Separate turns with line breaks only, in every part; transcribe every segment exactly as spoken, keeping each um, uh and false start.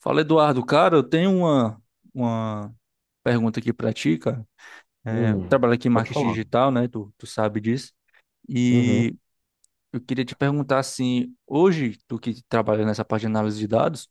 Fala, Eduardo. Cara, eu tenho uma, uma pergunta aqui pra ti, cara. É, eu
Hum,
trabalho aqui em
pode
marketing
falar.
digital, né? Tu, tu sabe disso.
Uhum,
E eu queria te perguntar, assim, hoje, tu que trabalha nessa parte de análise de dados,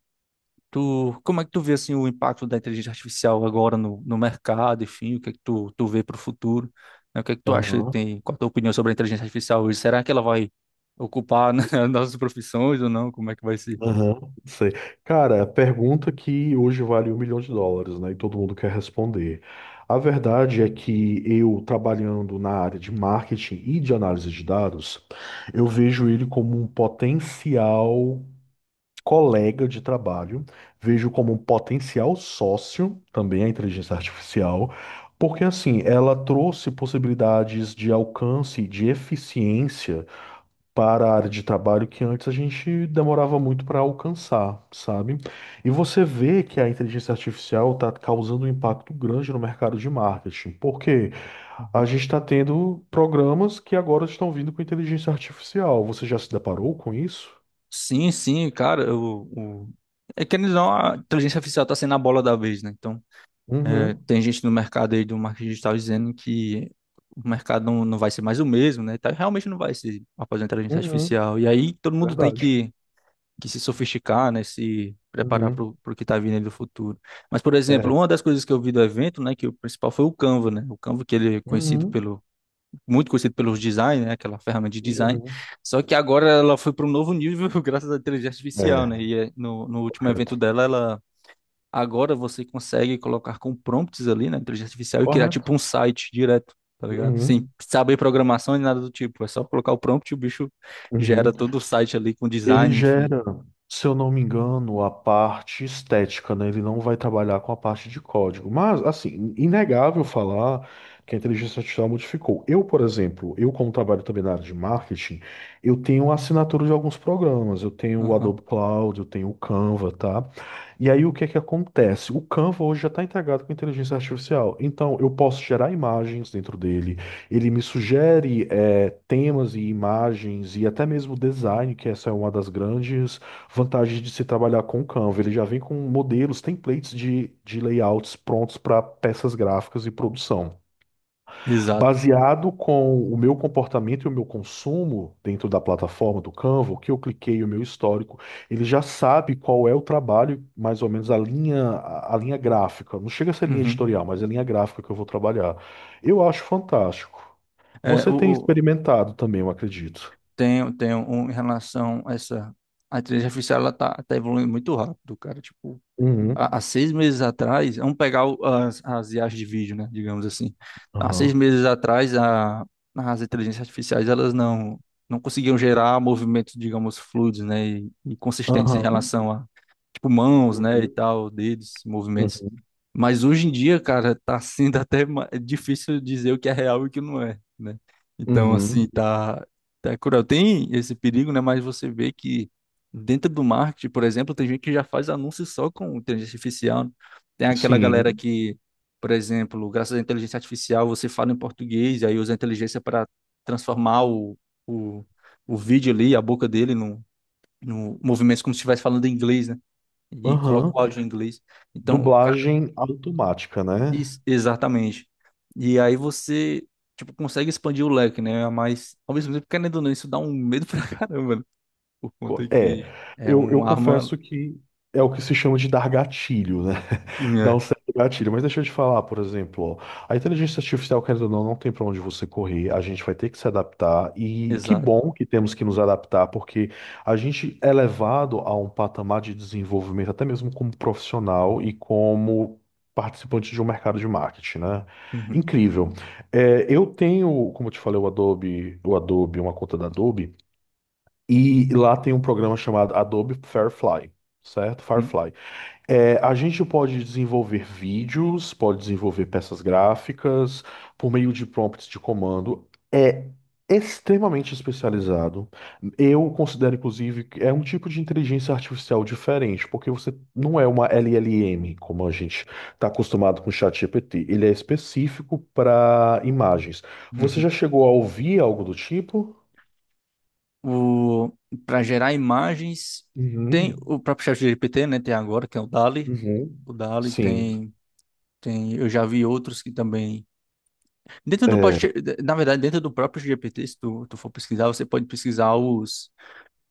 tu, como é que tu vê, assim, o impacto da inteligência artificial agora no, no mercado, enfim, o que é que tu, tu vê para o futuro, né? O que é que tu acha que
aham,
tem, qual a tua opinião sobre a inteligência artificial hoje? Será que ela vai ocupar, né, as nossas profissões ou não? Como é que vai ser?
aham, sei. Cara, a pergunta que hoje vale um milhão de dólares, né? E todo mundo quer responder. A verdade é que eu, trabalhando na área de marketing e de análise de dados, eu vejo ele como um potencial colega de trabalho, vejo como um potencial sócio, também a inteligência artificial, porque assim, ela trouxe possibilidades de alcance, e de eficiência para a área de trabalho que antes a gente demorava muito para alcançar, sabe? E você vê que a inteligência artificial está causando um impacto grande no mercado de marketing, porque a gente está tendo programas que agora estão vindo com inteligência artificial. Você já se deparou com isso?
Sim, sim, cara, o, o... é que eles não, a inteligência artificial está sendo a bola da vez, né? Então, é,
Uhum,
tem gente no mercado aí do marketing digital dizendo que o mercado não, não vai ser mais o mesmo, né? Tá, realmente não vai ser após a inteligência
uhum,
artificial. E aí todo mundo tem
verdade.
que, que se sofisticar, né? Se preparar para
Uhum,
o que está vindo aí do futuro. Mas, por exemplo,
é.
uma das coisas que eu vi do evento, né, que o principal foi o Canva, né? O Canva, que ele é conhecido
Uhum,
pelo muito conhecido pelos design, né, aquela ferramenta de design.
uhum.
Só que agora ela foi para um novo nível graças à inteligência artificial,
É,
né? E é, no, no último evento
correto.
dela, ela agora você consegue colocar com prompts ali na inteligência artificial e criar tipo
Correto.
um site direto, tá ligado? Sem
Uhum,
saber programação nem nada do tipo, é só colocar o prompt e o bicho gera
uhum.
todo o site ali com
Ele
design, enfim.
gera, se eu não me engano, a parte estética, né? Ele não vai trabalhar com a parte de código. Mas, assim, inegável falar que a inteligência artificial modificou. Eu, por exemplo, eu como trabalho também na área de marketing, eu tenho assinatura de alguns programas. Eu tenho o
Aham.
Adobe Cloud, eu tenho o Canva, tá? E aí, o que é que acontece? O Canva hoje já está integrado com a inteligência artificial. Então, eu posso gerar imagens dentro dele, ele me sugere eh, temas e imagens e até mesmo design, que essa é uma das grandes vantagens de se trabalhar com o Canva. Ele já vem com modelos, templates de, de layouts prontos para peças gráficas e produção.
Exato.
Baseado com o meu comportamento e o meu consumo dentro da plataforma do Canva, o que eu cliquei, o meu histórico, ele já sabe qual é o trabalho, mais ou menos a linha, a a linha gráfica. Não chega a ser linha
Uhum.
editorial, mas é a linha gráfica que eu vou trabalhar. Eu acho fantástico.
É,
Você
o,
tem
o-
experimentado também, eu acredito.
tem, tem um, em relação a essa a inteligência artificial, ela tá, tá evoluindo muito rápido, cara. Tipo, há, há
Uhum.
seis meses atrás, vamos pegar o- as, as I As de vídeo, né, digamos assim. Há seis
Aham.
meses atrás, a, as inteligências artificiais, elas não, não conseguiam gerar movimentos, digamos, fluidos, né, e, e consistentes em
Aham.
relação a, tipo, mãos, né, e
Uhum.
tal, dedos, movimentos.
Uhum.
Mas hoje em dia, cara, tá sendo até ma- é difícil dizer o que é real e o que não é, né? Então, assim,
Uhum.
tá, tá cruel. Tem esse perigo, né, mas você vê que dentro do marketing, por exemplo, tem gente que já faz anúncios só com inteligência artificial. Tem aquela galera
Sim.
que, por exemplo, graças à inteligência artificial, você fala em português e aí usa a inteligência para transformar o, o, o vídeo ali, a boca dele, no, no movimento, como se estivesse falando em inglês, né? E coloca
Aham.
o áudio em inglês. Então, cara,
Dublagem automática, né?
isso, exatamente. E aí você, tipo, consegue expandir o leque, né? Mas, ao mesmo tempo, querendo ou não, isso dá um medo pra caramba, né? Por conta
Co- É,
que é
eu, eu
uma arma.
confesso que é o que se chama de dar gatilho, né? Dar um
É.
certo gatilho. Mas deixa eu te falar, por exemplo, ó, a inteligência artificial, querendo ou não, não tem para onde você correr, a gente vai ter que se adaptar. E que
Exato.
bom que temos que nos adaptar, porque a gente é levado a um patamar de desenvolvimento, até mesmo como profissional e como participante de um mercado de marketing, né?
Uhum,
Incrível. É, eu tenho, como eu te falei, o Adobe, o Adobe, uma conta da Adobe. E lá tem um programa chamado Adobe Firefly, certo?
uhum,
Firefly. É, a gente pode desenvolver vídeos, pode desenvolver peças gráficas por meio de prompts de comando. É extremamente especializado. Eu considero, inclusive, que é um tipo de inteligência artificial diferente, porque você não é uma L L M, como a gente está acostumado com o ChatGPT. Ele é específico para imagens. Você
uhum.
já chegou a ouvir algo do tipo?
O, para gerar imagens, tem
Uhum.
o próprio chat ChatGPT, né? Tem agora, que é o dal-E.
Uhum.
O dal-E
Sim.
tem, tem. Eu já vi outros que também. Dentro do.
É,
Próprio Na verdade, dentro do próprio G P T, se tu, tu for pesquisar, você pode pesquisar os,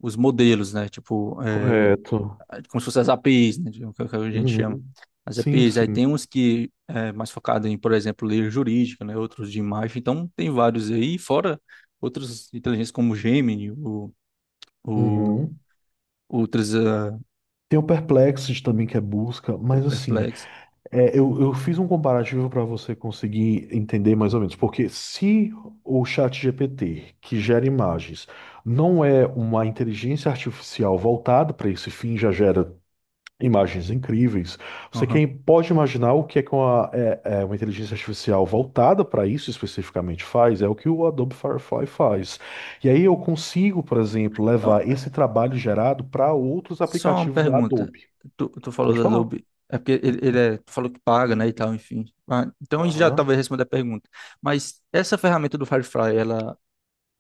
os modelos, né? Tipo, é,
correto.
como se fossem as A P Is, né? Que que a gente chama.
Uhum.
As
Sim,
A P Is. Aí tem
sim.
uns que é mais focado em, por exemplo, ler jurídica, né? Outros de imagem. Então, tem vários aí, fora outras inteligências como o Gemini, o
Uhum.
Ultras, ah,
Tem o Perplexes também que é busca,
o
mas assim,
Perplex.
é, eu, eu fiz um comparativo para você conseguir entender mais ou menos, porque se o ChatGPT, que gera imagens, não é uma inteligência artificial voltada para esse fim, já gera imagens incríveis. Você
Aham.
quem pode imaginar o que é que uma, é- é uma inteligência artificial voltada para isso especificamente faz, é o que o Adobe Firefly faz. E aí eu consigo, por exemplo, levar
Ah,
esse trabalho gerado para outros
Só uma
aplicativos da
pergunta.
Adobe.
Tu, tu falou
Pode
da
falar.
Adobe. É porque ele, ele é, tu falou que paga, né, e tal, enfim. Ah, então a gente já talvez
Aham.
responda a pergunta. Mas essa ferramenta do Firefly, ela,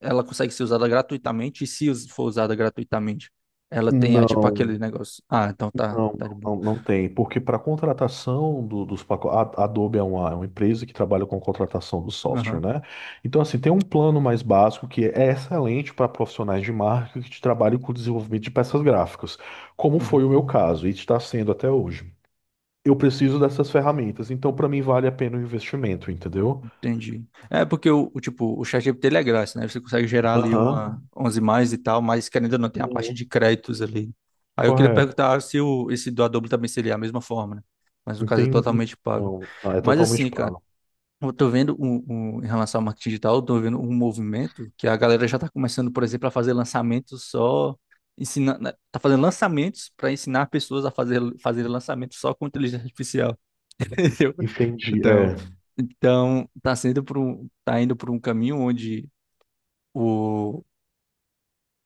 ela consegue ser usada gratuitamente? E se us- for usada gratuitamente, ela tem, ah, tipo,
Não.
aquele negócio. Ah, então tá,
Não,
tá de boa.
não, não tem, porque para contratação do- dos pacotes, a a Adobe é uma, é uma empresa que trabalha com contratação do software,
Aham.
né? Então, assim, tem um plano mais básico que é excelente para profissionais de marketing que trabalham com o desenvolvimento de peças gráficas, como
Uhum.
foi o meu caso e está sendo até hoje. Eu preciso dessas ferramentas, então para mim vale a pena o investimento, entendeu?
Entendi. É porque o, o tipo, o ChatGPT ele é grátis, né? Você consegue gerar ali uma,
Aham.
umas imagens e tal, mas querendo ou não, tem a parte
Uhum.
de créditos ali. Aí eu queria
Correto.
perguntar se o, esse do Adobe também seria a mesma forma, né? Mas no caso é
Entendi.
totalmente pago.
Não, não, é
Mas
totalmente
assim, cara,
pago.
eu tô vendo um, um- em relação ao marketing digital, eu tô vendo um movimento que a galera já tá começando, por exemplo, a fazer lançamentos só ensinando, tá fazendo lançamentos para ensinar pessoas a fazer fazer lançamentos só com inteligência artificial.
Entendi.
Então,
É,
então tá sendo por um, tá indo por um caminho onde o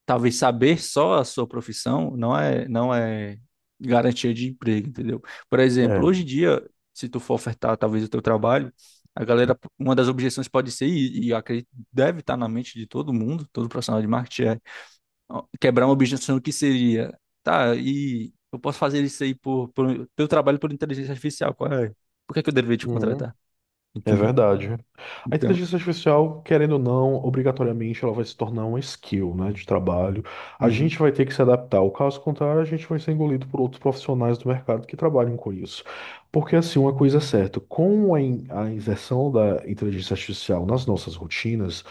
talvez saber só a sua profissão não é não é garantia de emprego, entendeu? Por exemplo,
é.
hoje em dia, se tu for ofertar talvez o teu trabalho, a galera, uma das objeções pode ser, e, e eu acredito que deve estar na mente de todo mundo, todo profissional de marketing, é: ó, quebrar uma objeção que seria, tá, e eu posso fazer isso aí por, por, teu trabalho por inteligência artificial, qual é? Por que que eu deveria te
Uhum.
contratar?
É
Entendeu?
verdade. A
Então,
inteligência artificial, querendo ou não, obrigatoriamente ela vai se tornar uma skill, né, de trabalho. A gente
uhum,
vai ter que se adaptar. O caso contrário, a gente vai ser engolido por outros profissionais do mercado que trabalham com isso. Porque assim, uma coisa é certa, com a, in- a inserção da inteligência artificial nas nossas rotinas,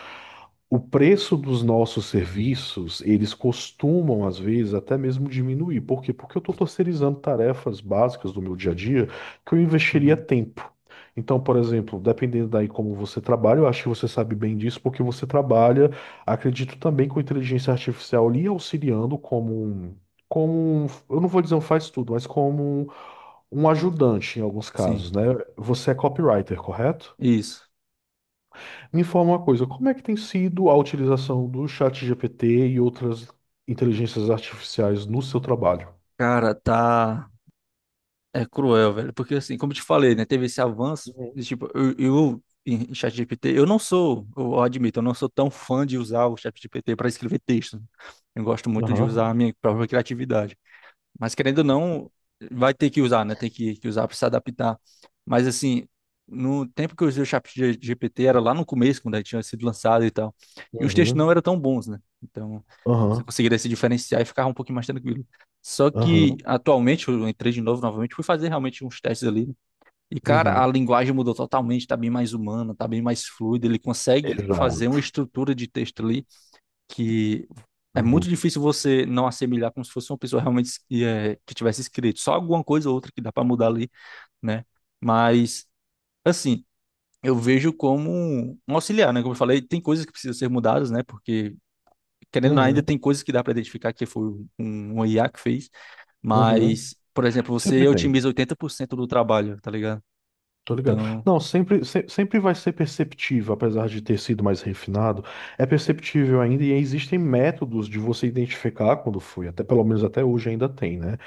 o preço dos nossos serviços, eles costumam, às vezes, até mesmo diminuir. Por quê? Porque eu estou terceirizando tarefas básicas do meu dia a dia que eu investiria
uhum,
tempo. Então, por exemplo, dependendo daí como você trabalha, eu acho que você sabe bem disso, porque você trabalha, acredito também com inteligência artificial lhe auxiliando como um, como um, eu não vou dizer um faz tudo, mas como um, um ajudante em alguns
sim,
casos, né? Você é copywriter, correto?
isso.
Me informa uma coisa, como é que tem sido a utilização do chat G P T e outras inteligências artificiais no seu trabalho?
Cara, tá. É cruel, velho. Porque, assim, como eu te falei, né? Teve esse avanço.
Uhum.
De, tipo, eu, eu em em ChatGPT, eu não sou, eu admito, eu não sou tão fã de usar o ChatGPT para escrever texto, né. Eu gosto muito de usar a
Aham,
minha própria criatividade. Mas querendo ou não, vai ter que usar, né? Tem que, que usar para se adaptar. Mas assim, no tempo que eu usei o chat G- GPT, era lá no começo, quando ele tinha sido lançado e tal. E os textos não
uhum,
eram tão bons, né? Então, você
aham,
conseguiria se diferenciar e ficava um pouquinho mais tranquilo. Só que,
aham,
atualmente, eu entrei de novo, novamente, fui fazer realmente uns testes ali, né? E, cara, a
uhum,
linguagem mudou totalmente, tá bem mais humana, tá bem mais fluida. Ele consegue fazer uma
exato.
estrutura de texto ali que é
Uhum,
muito difícil você não assemelhar como se fosse uma pessoa realmente es- é, que tivesse escrito. Só alguma coisa ou outra que dá para mudar ali, né? Mas, assim, eu vejo como um auxiliar, né? Como eu falei, tem coisas que precisam ser mudadas, né? Porque, querendo ou não, ainda
uhum,
tem coisas que dá para identificar que foi um, um I A que fez,
uhum.
mas, por exemplo, você
Sempre tem,
otimiza oitenta por cento do trabalho, tá ligado?
tô ligado.
Então,
Não, sempre, se- sempre vai ser perceptível, apesar de ter sido mais refinado, é perceptível ainda e existem métodos de você identificar quando foi, até pelo menos até hoje ainda tem, né?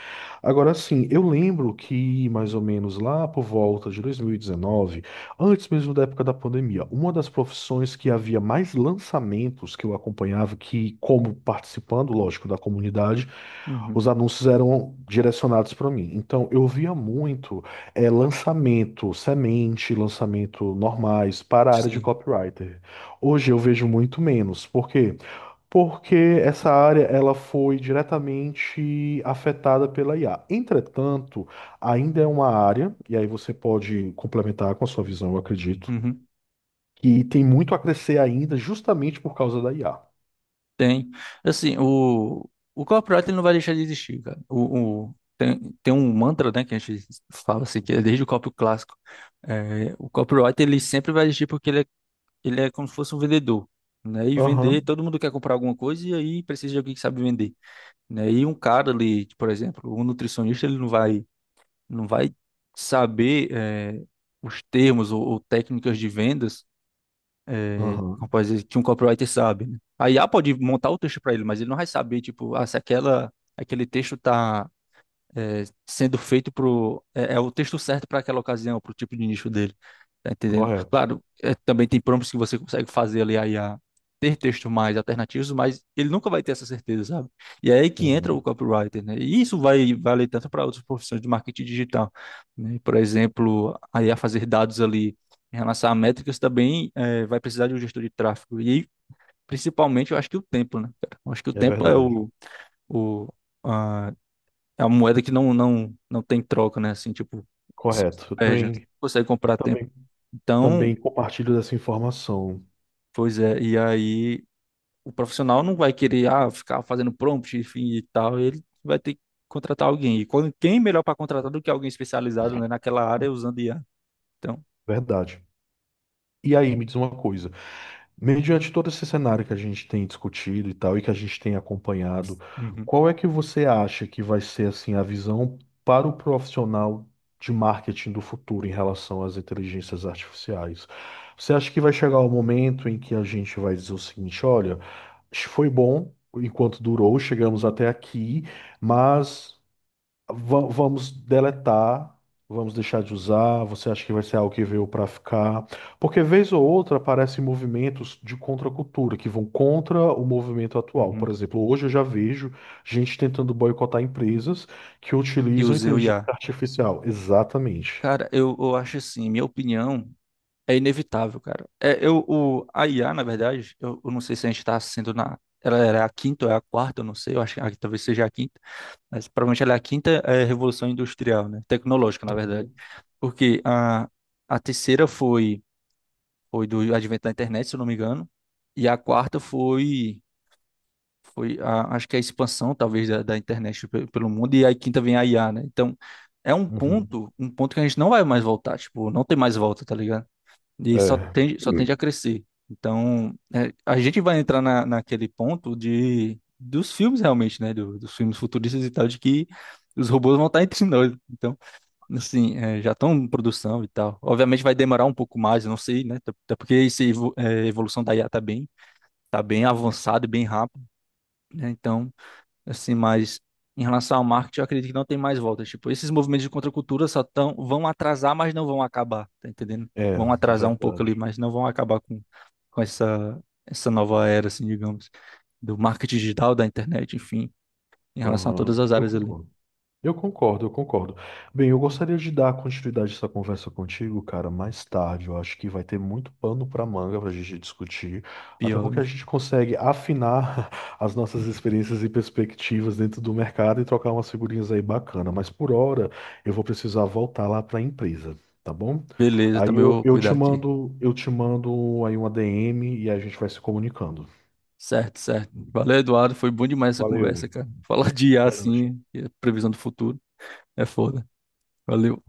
Agora sim, eu lembro que mais ou menos lá por volta de dois mil e dezenove, antes mesmo da época da pandemia, uma das profissões que havia mais lançamentos que eu acompanhava, que como participando, lógico, da comunidade,
uhum,
os anúncios eram direcionados para mim. Então eu via muito é lançamento semente, lançamento normais para a área de
sim.
copywriter. Hoje eu vejo muito menos. Por quê? Porque essa área ela foi diretamente afetada pela I A. Entretanto, ainda é uma área, e aí você pode complementar com a sua visão, eu acredito,
Uhum.
que tem muito a crescer ainda justamente por causa da I A.
Tem. Assim, o, o corporate ele não vai deixar de existir, cara. O, o- tem, tem um mantra, né, que a gente fala assim, que é desde o copy clássico. É, o copyright ele sempre vai existir porque ele é, ele é como se fosse um vendedor, né? E vender,
Aham,
todo mundo quer comprar alguma coisa e aí precisa de alguém que sabe vender, né? E um cara ali, por exemplo, um nutricionista, ele não vai, não vai saber, é, os termos ou, ou técnicas de vendas, é,
aham,
rapaz, ele- que um copywriter sabe, né? A I A pode montar o texto para ele, mas ele não vai saber, tipo, ah, se aquela, aquele texto tá sendo feito pro é, é o texto certo para aquela ocasião, para o tipo de nicho dele. Tá entendendo?
correto.
Claro, é, também tem prompts que você consegue fazer ali a I A ter textos mais alternativos, mas ele nunca vai ter essa certeza, sabe? E é aí que entra
Uhum,
o copywriter, né? E isso vai valer tanto para outras profissões de marketing digital, né? Por exemplo, a I A fazer dados ali em relação a métricas também, é, vai precisar de um gestor de tráfego. E principalmente, eu acho que o tempo, né, cara? Eu acho que o
é
tempo é
verdade.
o, o, a é uma moeda que não, não, não tem troca, né? Assim, tipo, só se
Correto. Eu
perde, né? Você
também,
não consegue comprar tempo.
também,
Então,
também compartilho dessa informação.
pois é, e aí o profissional não vai querer, ah, ficar fazendo prompt, enfim, e tal. Ele vai ter que contratar alguém. E quando, quem melhor para contratar do que alguém especializado, né, naquela área é usando I A? Então,
Verdade. E aí, me diz uma coisa. Mediante todo esse cenário que a gente tem discutido e tal, e que a gente tem acompanhado,
uhum,
qual é que você acha que vai ser assim a visão para o profissional de marketing do futuro em relação às inteligências artificiais? Você acha que vai chegar o momento em que a gente vai dizer o seguinte, olha, foi bom enquanto durou, chegamos até aqui, mas Va- Vamos deletar, vamos deixar de usar. Você acha que vai ser algo que veio para ficar? Porque vez ou outra aparecem movimentos de contracultura que vão contra o movimento atual. Por
uhum.
exemplo, hoje eu já vejo gente tentando boicotar empresas que
Que
utilizam
use o
inteligência
I A.
artificial. Exatamente.
Cara, eu, eu acho assim, minha opinião. É inevitável, cara. É, eu, o, a I A, na verdade, eu, eu não sei se a gente está sendo na... Ela era a quinta ou é a quarta, eu não sei, eu acho que ah, talvez seja a quinta, mas provavelmente ela é a quinta, é, revolução industrial, né? Tecnológica, na verdade. Porque a, a terceira foi, foi, do advento da internet, se eu não me engano, e a quarta foi, foi a, acho que é a expansão, talvez, da, da internet pe- pelo mundo, e a quinta vem a I A, né? Então, é um
Uhum.
ponto, um ponto que a gente não vai mais voltar, tipo, não tem mais volta, tá ligado? E só
É.
tende, só tende a
Hum.
crescer. Então, é, a gente vai entrar na, naquele ponto de dos filmes realmente, né? do- dos filmes futuristas e tal, de que os robôs vão estar entre nós. Então, assim, é, já estão em produção e tal. Obviamente vai demorar um pouco mais, eu não sei, né? Até até porque essa evolução da I A tá bem, tá bem, avançada e bem rápida, né? Então assim, mas em relação ao marketing, eu acredito que não tem mais volta. Tipo, esses movimentos de contracultura só tão, vão atrasar, mas não vão acabar, tá entendendo?
É,
Vão atrasar um pouco ali,
verdade.
mas não vão acabar com, com essa, essa nova era, assim, digamos, do marketing digital, da internet, enfim, em relação a
Aham,
todas as
eu
áreas ali.
concordo. Eu concordo, eu concordo. Bem, eu gostaria de dar continuidade a essa conversa contigo, cara, mais tarde. Eu acho que vai ter muito pano para manga para a gente discutir, até
Pior,
porque a
né?
gente consegue afinar as nossas experiências e perspectivas dentro do mercado e trocar umas figurinhas aí bacana. Mas por hora, eu vou precisar voltar lá para a empresa, tá bom?
Beleza,
Aí
também
eu,
vou
eu
cuidar
te
aqui.
mando, eu te mando aí uma D M e a gente vai se comunicando.
Certo, certo. Valeu, Eduardo. Foi bom demais essa conversa,
Valeu,
cara. Falar de I A,
valeu, chefe.
assim, e a previsão do futuro é foda. Valeu.